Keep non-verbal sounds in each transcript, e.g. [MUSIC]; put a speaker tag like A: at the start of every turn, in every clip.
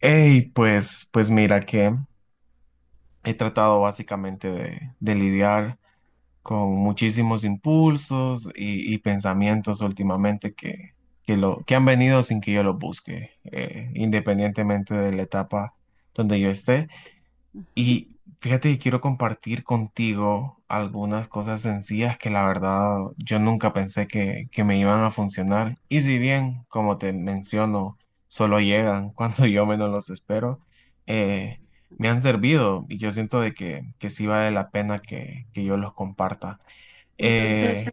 A: Hey, pues, pues mira que he tratado básicamente de lidiar con muchísimos impulsos y pensamientos últimamente que han venido sin que yo los busque, independientemente de la etapa donde yo esté.
B: Ajá.
A: Y fíjate que quiero compartir contigo algunas cosas sencillas que la verdad yo nunca pensé que me iban a funcionar. Y si bien, como te menciono, solo llegan [LAUGHS] cuando yo menos los espero, eh, me han servido y yo siento de que sí vale la pena que yo los comparta. Eh,
B: Entonces,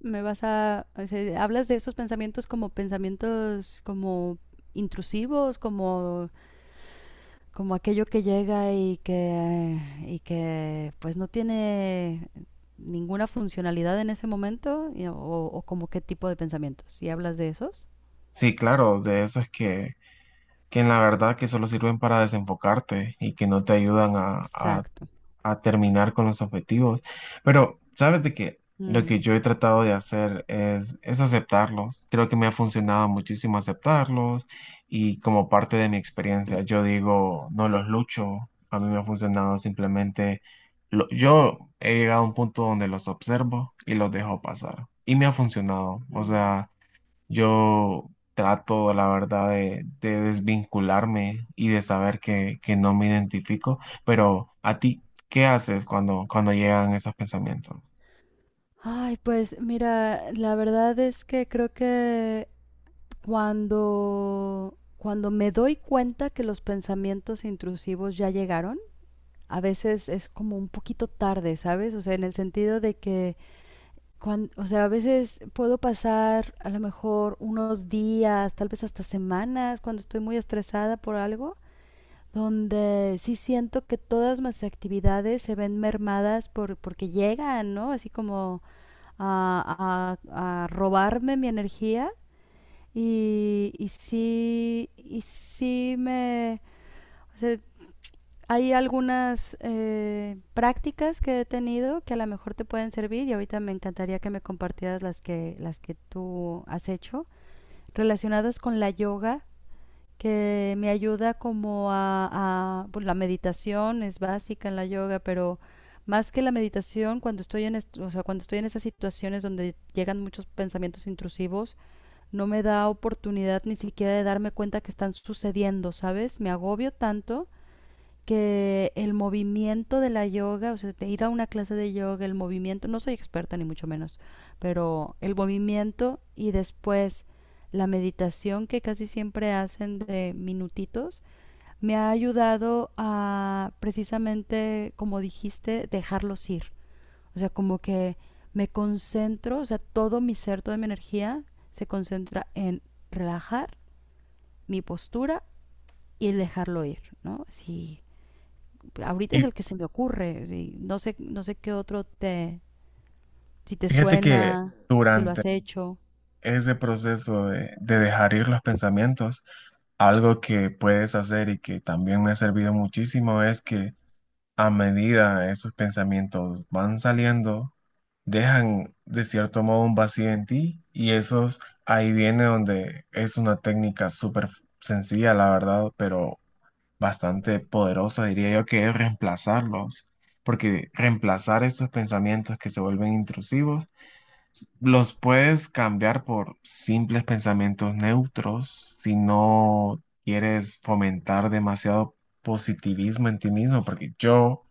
B: me vas a, o sea, hablas de esos pensamientos como intrusivos, como como aquello que llega y que pues no tiene ninguna funcionalidad en ese momento y- o como qué tipo de pensamientos. ¿Y hablas de esos?
A: sí, claro, de eso es que en la verdad que solo sirven para desenfocarte y que no te ayudan a, a
B: Exacto.
A: a terminar con los objetivos. Pero sabes de que lo
B: Mm.
A: que yo he tratado de hacer es aceptarlos. Creo que me ha funcionado muchísimo aceptarlos y como parte de mi experiencia, yo digo, no los lucho. A mí me ha funcionado simplemente, yo he llegado a un punto donde los observo y los dejo pasar. Y me ha funcionado. O
B: Mm.
A: sea... Yo trato, la verdad, de desvincularme y de saber que no me identifico, pero a ti, ¿qué haces cuando, cuando llegan esos pensamientos?
B: Ay, pues mira, la verdad es que creo que cuando, cuando me doy cuenta que los pensamientos intrusivos ya llegaron, a veces es como un poquito tarde, ¿sabes? O sea, en el sentido de que, o sea, a veces puedo pasar a lo mejor unos días, tal vez hasta semanas, cuando estoy muy estresada por algo, donde sí siento que todas mis actividades se ven mermadas porque llegan, ¿no? Así como a robarme mi energía y sí me... O sea, hay algunas prácticas que he tenido que a lo mejor te pueden servir, y ahorita me encantaría que me compartieras las que tú has hecho relacionadas con la yoga, que me ayuda como a pues, la meditación es básica en la yoga, pero más que la meditación, cuando estoy o sea, cuando estoy en esas situaciones donde llegan muchos pensamientos intrusivos, no me da oportunidad ni siquiera de darme cuenta que están sucediendo, ¿sabes? Me agobio tanto que el movimiento de la yoga, o sea, de ir a una clase de yoga, el movimiento, no soy experta ni mucho menos, pero el movimiento y después la meditación que casi siempre hacen de minutitos, me ha ayudado a precisamente, como dijiste, dejarlos ir. O sea, como que me concentro, o sea, todo mi ser, toda mi energía se concentra en relajar mi postura y el dejarlo ir, ¿no? Sí, ahorita es
A: Y
B: el que se me ocurre. Sí. No sé, no sé qué otro te, si te
A: fíjate que
B: suena, si lo
A: durante
B: has hecho.
A: ese proceso de dejar ir los pensamientos, algo que puedes hacer y que también me ha servido muchísimo es que a medida esos pensamientos van saliendo, dejan de cierto modo un vacío en ti y esos ahí viene donde es una técnica súper sencilla, la verdad, pero bastante poderosa, diría yo, que es reemplazarlos, porque reemplazar estos pensamientos que se vuelven intrusivos, los puedes cambiar por simples pensamientos neutros si no quieres fomentar demasiado positivismo en ti mismo, porque yo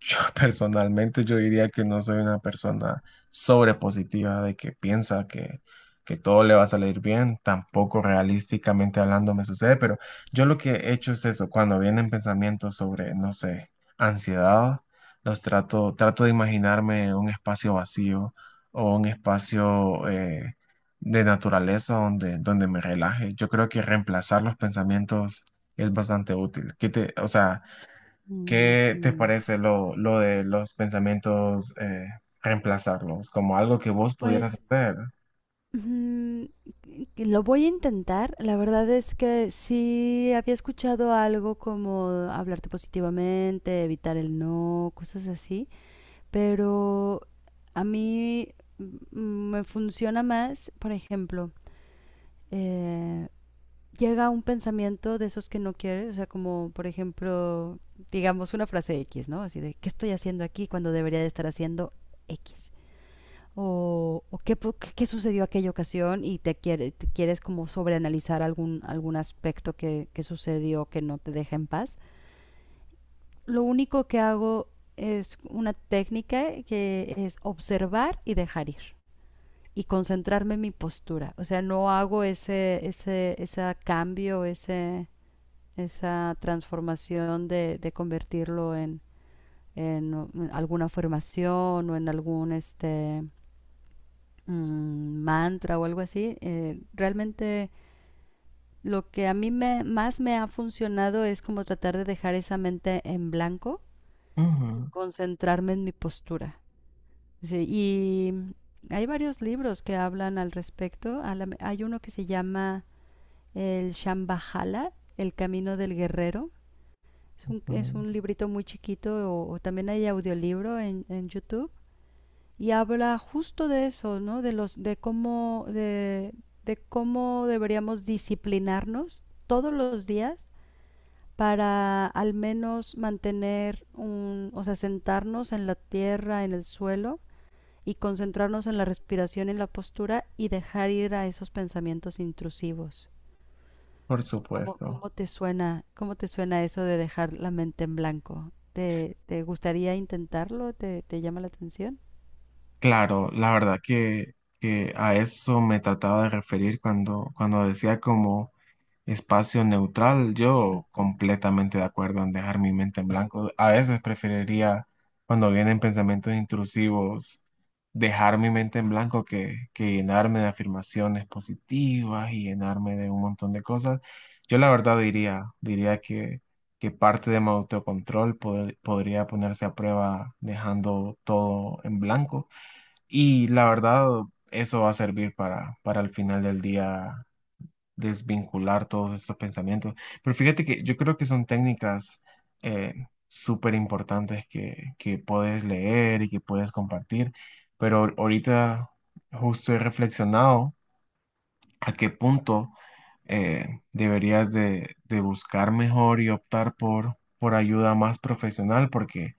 A: yo [LAUGHS] personalmente yo diría que no soy una persona sobrepositiva de que piensa que todo le va a salir bien, tampoco realísticamente hablando me sucede, pero yo lo que he hecho es eso, cuando vienen pensamientos sobre, no sé, ansiedad, trato de imaginarme un espacio vacío o un espacio de naturaleza donde, donde me relaje. Yo creo que reemplazar los pensamientos es bastante útil. O sea, ¿qué te
B: Ujú.
A: parece lo de los pensamientos, reemplazarlos como algo que vos pudieras
B: Pues
A: hacer?
B: mm, que lo voy a intentar. La verdad es que sí había escuchado algo como hablarte positivamente, evitar el no, cosas así, pero a mí mm, me funciona más, por ejemplo, eh, llega un pensamiento de esos que no quieres, o sea, como por ejemplo, digamos una frase X, ¿no? Así de, ¿qué estoy haciendo aquí cuando debería de estar haciendo X? O ¿qué, qué, sucedió aquella ocasión y te, te quieres como sobreanalizar algún, algún aspecto que sucedió que no te deja en paz. Lo único que hago es una técnica que es observar y dejar ir y concentrarme en mi postura. O sea, no hago ese cambio, ese, esa transformación de convertirlo en, alguna formación o en algún este mantra o algo así. Realmente lo que a mí me, más me ha funcionado es como tratar de dejar esa mente en blanco y
A: Ujú,
B: concentrarme en mi postura. Sí, y hay varios libros que hablan al respecto. Hay uno que se llama El Shambhala, El Camino del Guerrero. Es
A: ujú.
B: un librito muy chiquito, o también hay audiolibro en YouTube y habla justo de eso, ¿no? De los, de cómo deberíamos disciplinarnos todos los días para al menos mantener un, o sea, sentarnos en la tierra, en el suelo y concentrarnos en la respiración y la postura y dejar ir a esos pensamientos intrusivos.
A: Por
B: Así como,
A: supuesto.
B: cómo te suena eso de dejar la mente en blanco? ¿Te, te gustaría intentarlo? ¿Te, te llama la atención?
A: Claro, la verdad que a eso me trataba de referir cuando, cuando decía como... Espacio neutral, yo
B: Ujú.
A: completamente de acuerdo en dejar mi mente en blanco. A veces preferiría, cuando vienen pensamientos intrusivos, dejar mi mente en blanco que llenarme de afirmaciones positivas y llenarme de un montón de cosas. Yo la verdad diría que parte de mi autocontrol podría ponerse a prueba dejando todo en blanco. Y la verdad, eso va a servir para el final del día desvincular todos estos pensamientos. Pero fíjate que yo creo que son técnicas eh, súper importantes que puedes leer y que puedes compartir, pero ahorita justo he reflexionado a qué punto deberías de buscar mejor y optar por ayuda más profesional porque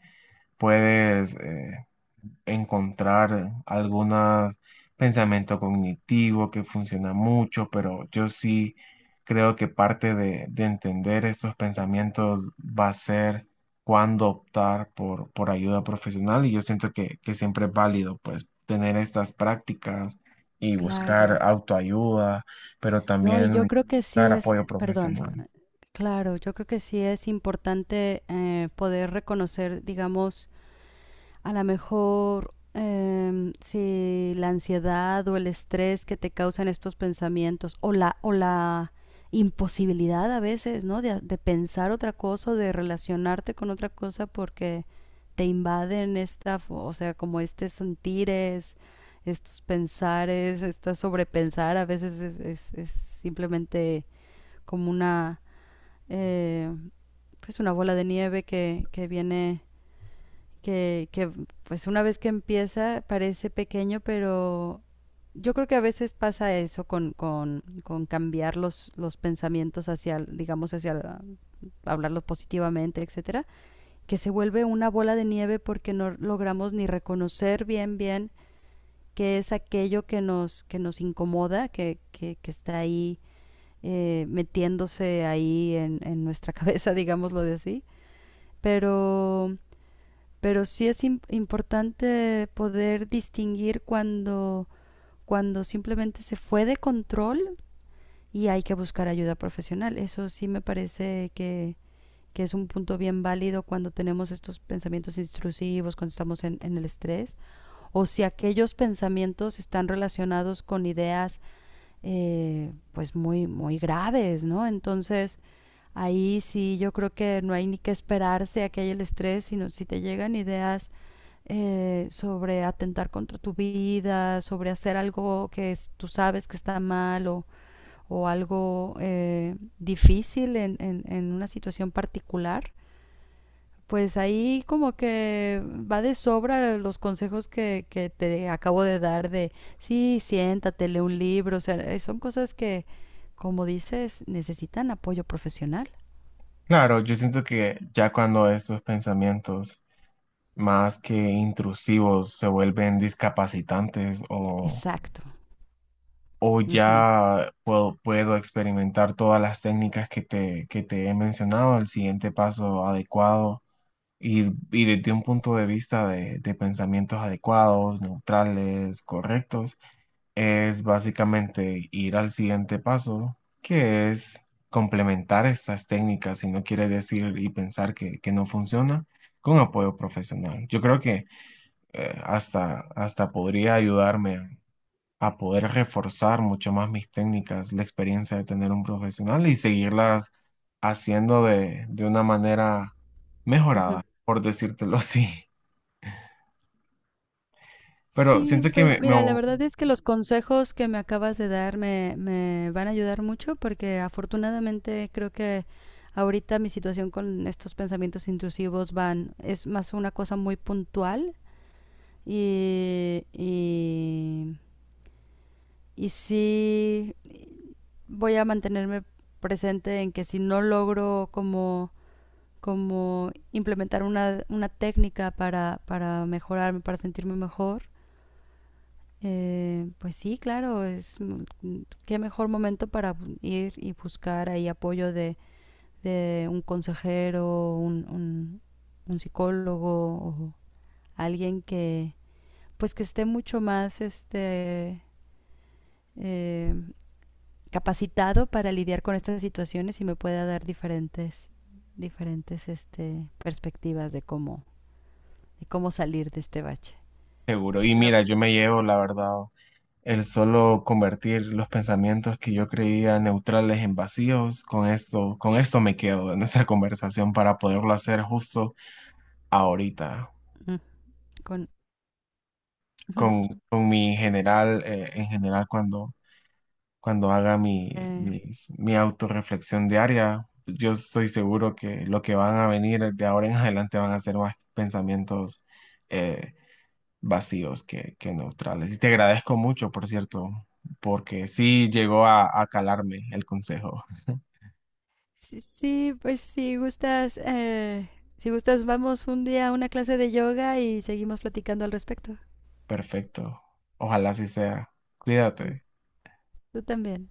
A: puedes... encontrar algunos pensamiento cognitivo que funciona mucho, pero yo sí creo que parte de entender estos pensamientos va a ser cuándo optar por ayuda profesional y yo siento que siempre es válido pues tener estas prácticas y buscar
B: Claro.
A: autoayuda, pero
B: No, y yo
A: también
B: creo que sí
A: buscar
B: es,
A: apoyo
B: perdón,
A: profesional.
B: claro, yo creo que sí es importante poder reconocer, digamos, a lo mejor si la ansiedad o el estrés que te causan estos pensamientos o la imposibilidad a veces, ¿no? De pensar otra cosa o de relacionarte con otra cosa porque te invaden esta, o sea, como este sentires, estos pensares, esta sobrepensar a veces es, es simplemente como una, eh, pues una bola de nieve que viene que pues una vez que empieza parece pequeño, pero yo creo que a veces pasa eso con cambiar los pensamientos hacia, digamos, hacia la- hablarlos positivamente, etcétera, que se vuelve una bola de nieve porque no logramos ni reconocer bien, bien qué es aquello que nos incomoda, que está ahí metiéndose ahí en nuestra [LAUGHS] cabeza, digámoslo de así. Pero pero sí es importante poder distinguir cuando, cuando simplemente se fue de control y hay que buscar ayuda profesional. Eso sí me parece que es un punto bien válido cuando tenemos estos pensamientos intrusivos, cuando estamos en el estrés, o si aquellos pensamientos están relacionados con ideas pues muy, muy graves, ¿no? Entonces, ahí sí yo creo que no hay ni que esperarse a que haya el estrés, sino si te llegan ideas sobre atentar contra tu vida, sobre hacer algo que tú sabes que está mal, o algo difícil en, en una situación particular, pues ahí como que va de sobra los consejos que te acabo de dar de, sí, siéntate, lee un libro, o sea, son cosas que como dices, necesitan apoyo profesional.
A: Claro, yo siento que ya cuando estos pensamientos más que intrusivos, se vuelven discapacitantes
B: Exacto.
A: o
B: Uh -huh.
A: ya puedo experimentar todas las técnicas que te he mencionado, el siguiente paso adecuado y desde un punto de vista de pensamientos adecuados, neutrales, correctos, es básicamente ir al siguiente paso, que es complementar estas técnicas si no quiere decir y pensar que no funciona con apoyo profesional. Yo creo que hasta podría ayudarme a poder reforzar mucho más mis técnicas, la experiencia de tener un profesional y seguirlas haciendo de una manera
B: Uh -huh.
A: mejorada, por decírtelo [LAUGHS] así. Pero
B: Sí,
A: siento que
B: pues
A: me
B: mira, la
A: voy
B: verdad es que los consejos que me acabas de dar me, me van a ayudar mucho porque afortunadamente creo que ahorita mi situación con estos pensamientos intrusivos van, es más una cosa muy puntual y, y, y sí voy a mantenerme presente en que si no logro como como implementar una técnica para mejorarme, para sentirme mejor, pues sí, claro, es qué mejor momento para ir y buscar ahí apoyo de un consejero, un, psicólogo o alguien que pues que esté mucho más este eh, capacitado para lidiar con estas situaciones y me pueda dar diferentes diferentes este perspectivas de cómo salir de este bache.
A: seguro. Y
B: Pero
A: mira, yo me llevo, la verdad, el solo convertir los pensamientos que yo creía neutrales en vacíos, con esto me quedo en nuestra [LAUGHS] conversación para poderlo hacer justo ahorita.
B: mm, con... [LAUGHS]
A: Con mi general, en general cuando, cuando haga
B: eh,
A: mi autorreflexión diaria, yo estoy seguro que lo que van a venir de ahora en [LAUGHS] adelante van a ser más pensamientos eh, vacíos que neutrales. Y te agradezco mucho, por cierto, porque sí llegó a calarme el consejo.
B: sí, sí, pues si gustas, si gustas, vamos un día a una clase de yoga y seguimos platicando al respecto.
A: Perfecto. Ojalá así sea.
B: Mm,
A: Cuídate.
B: tú también.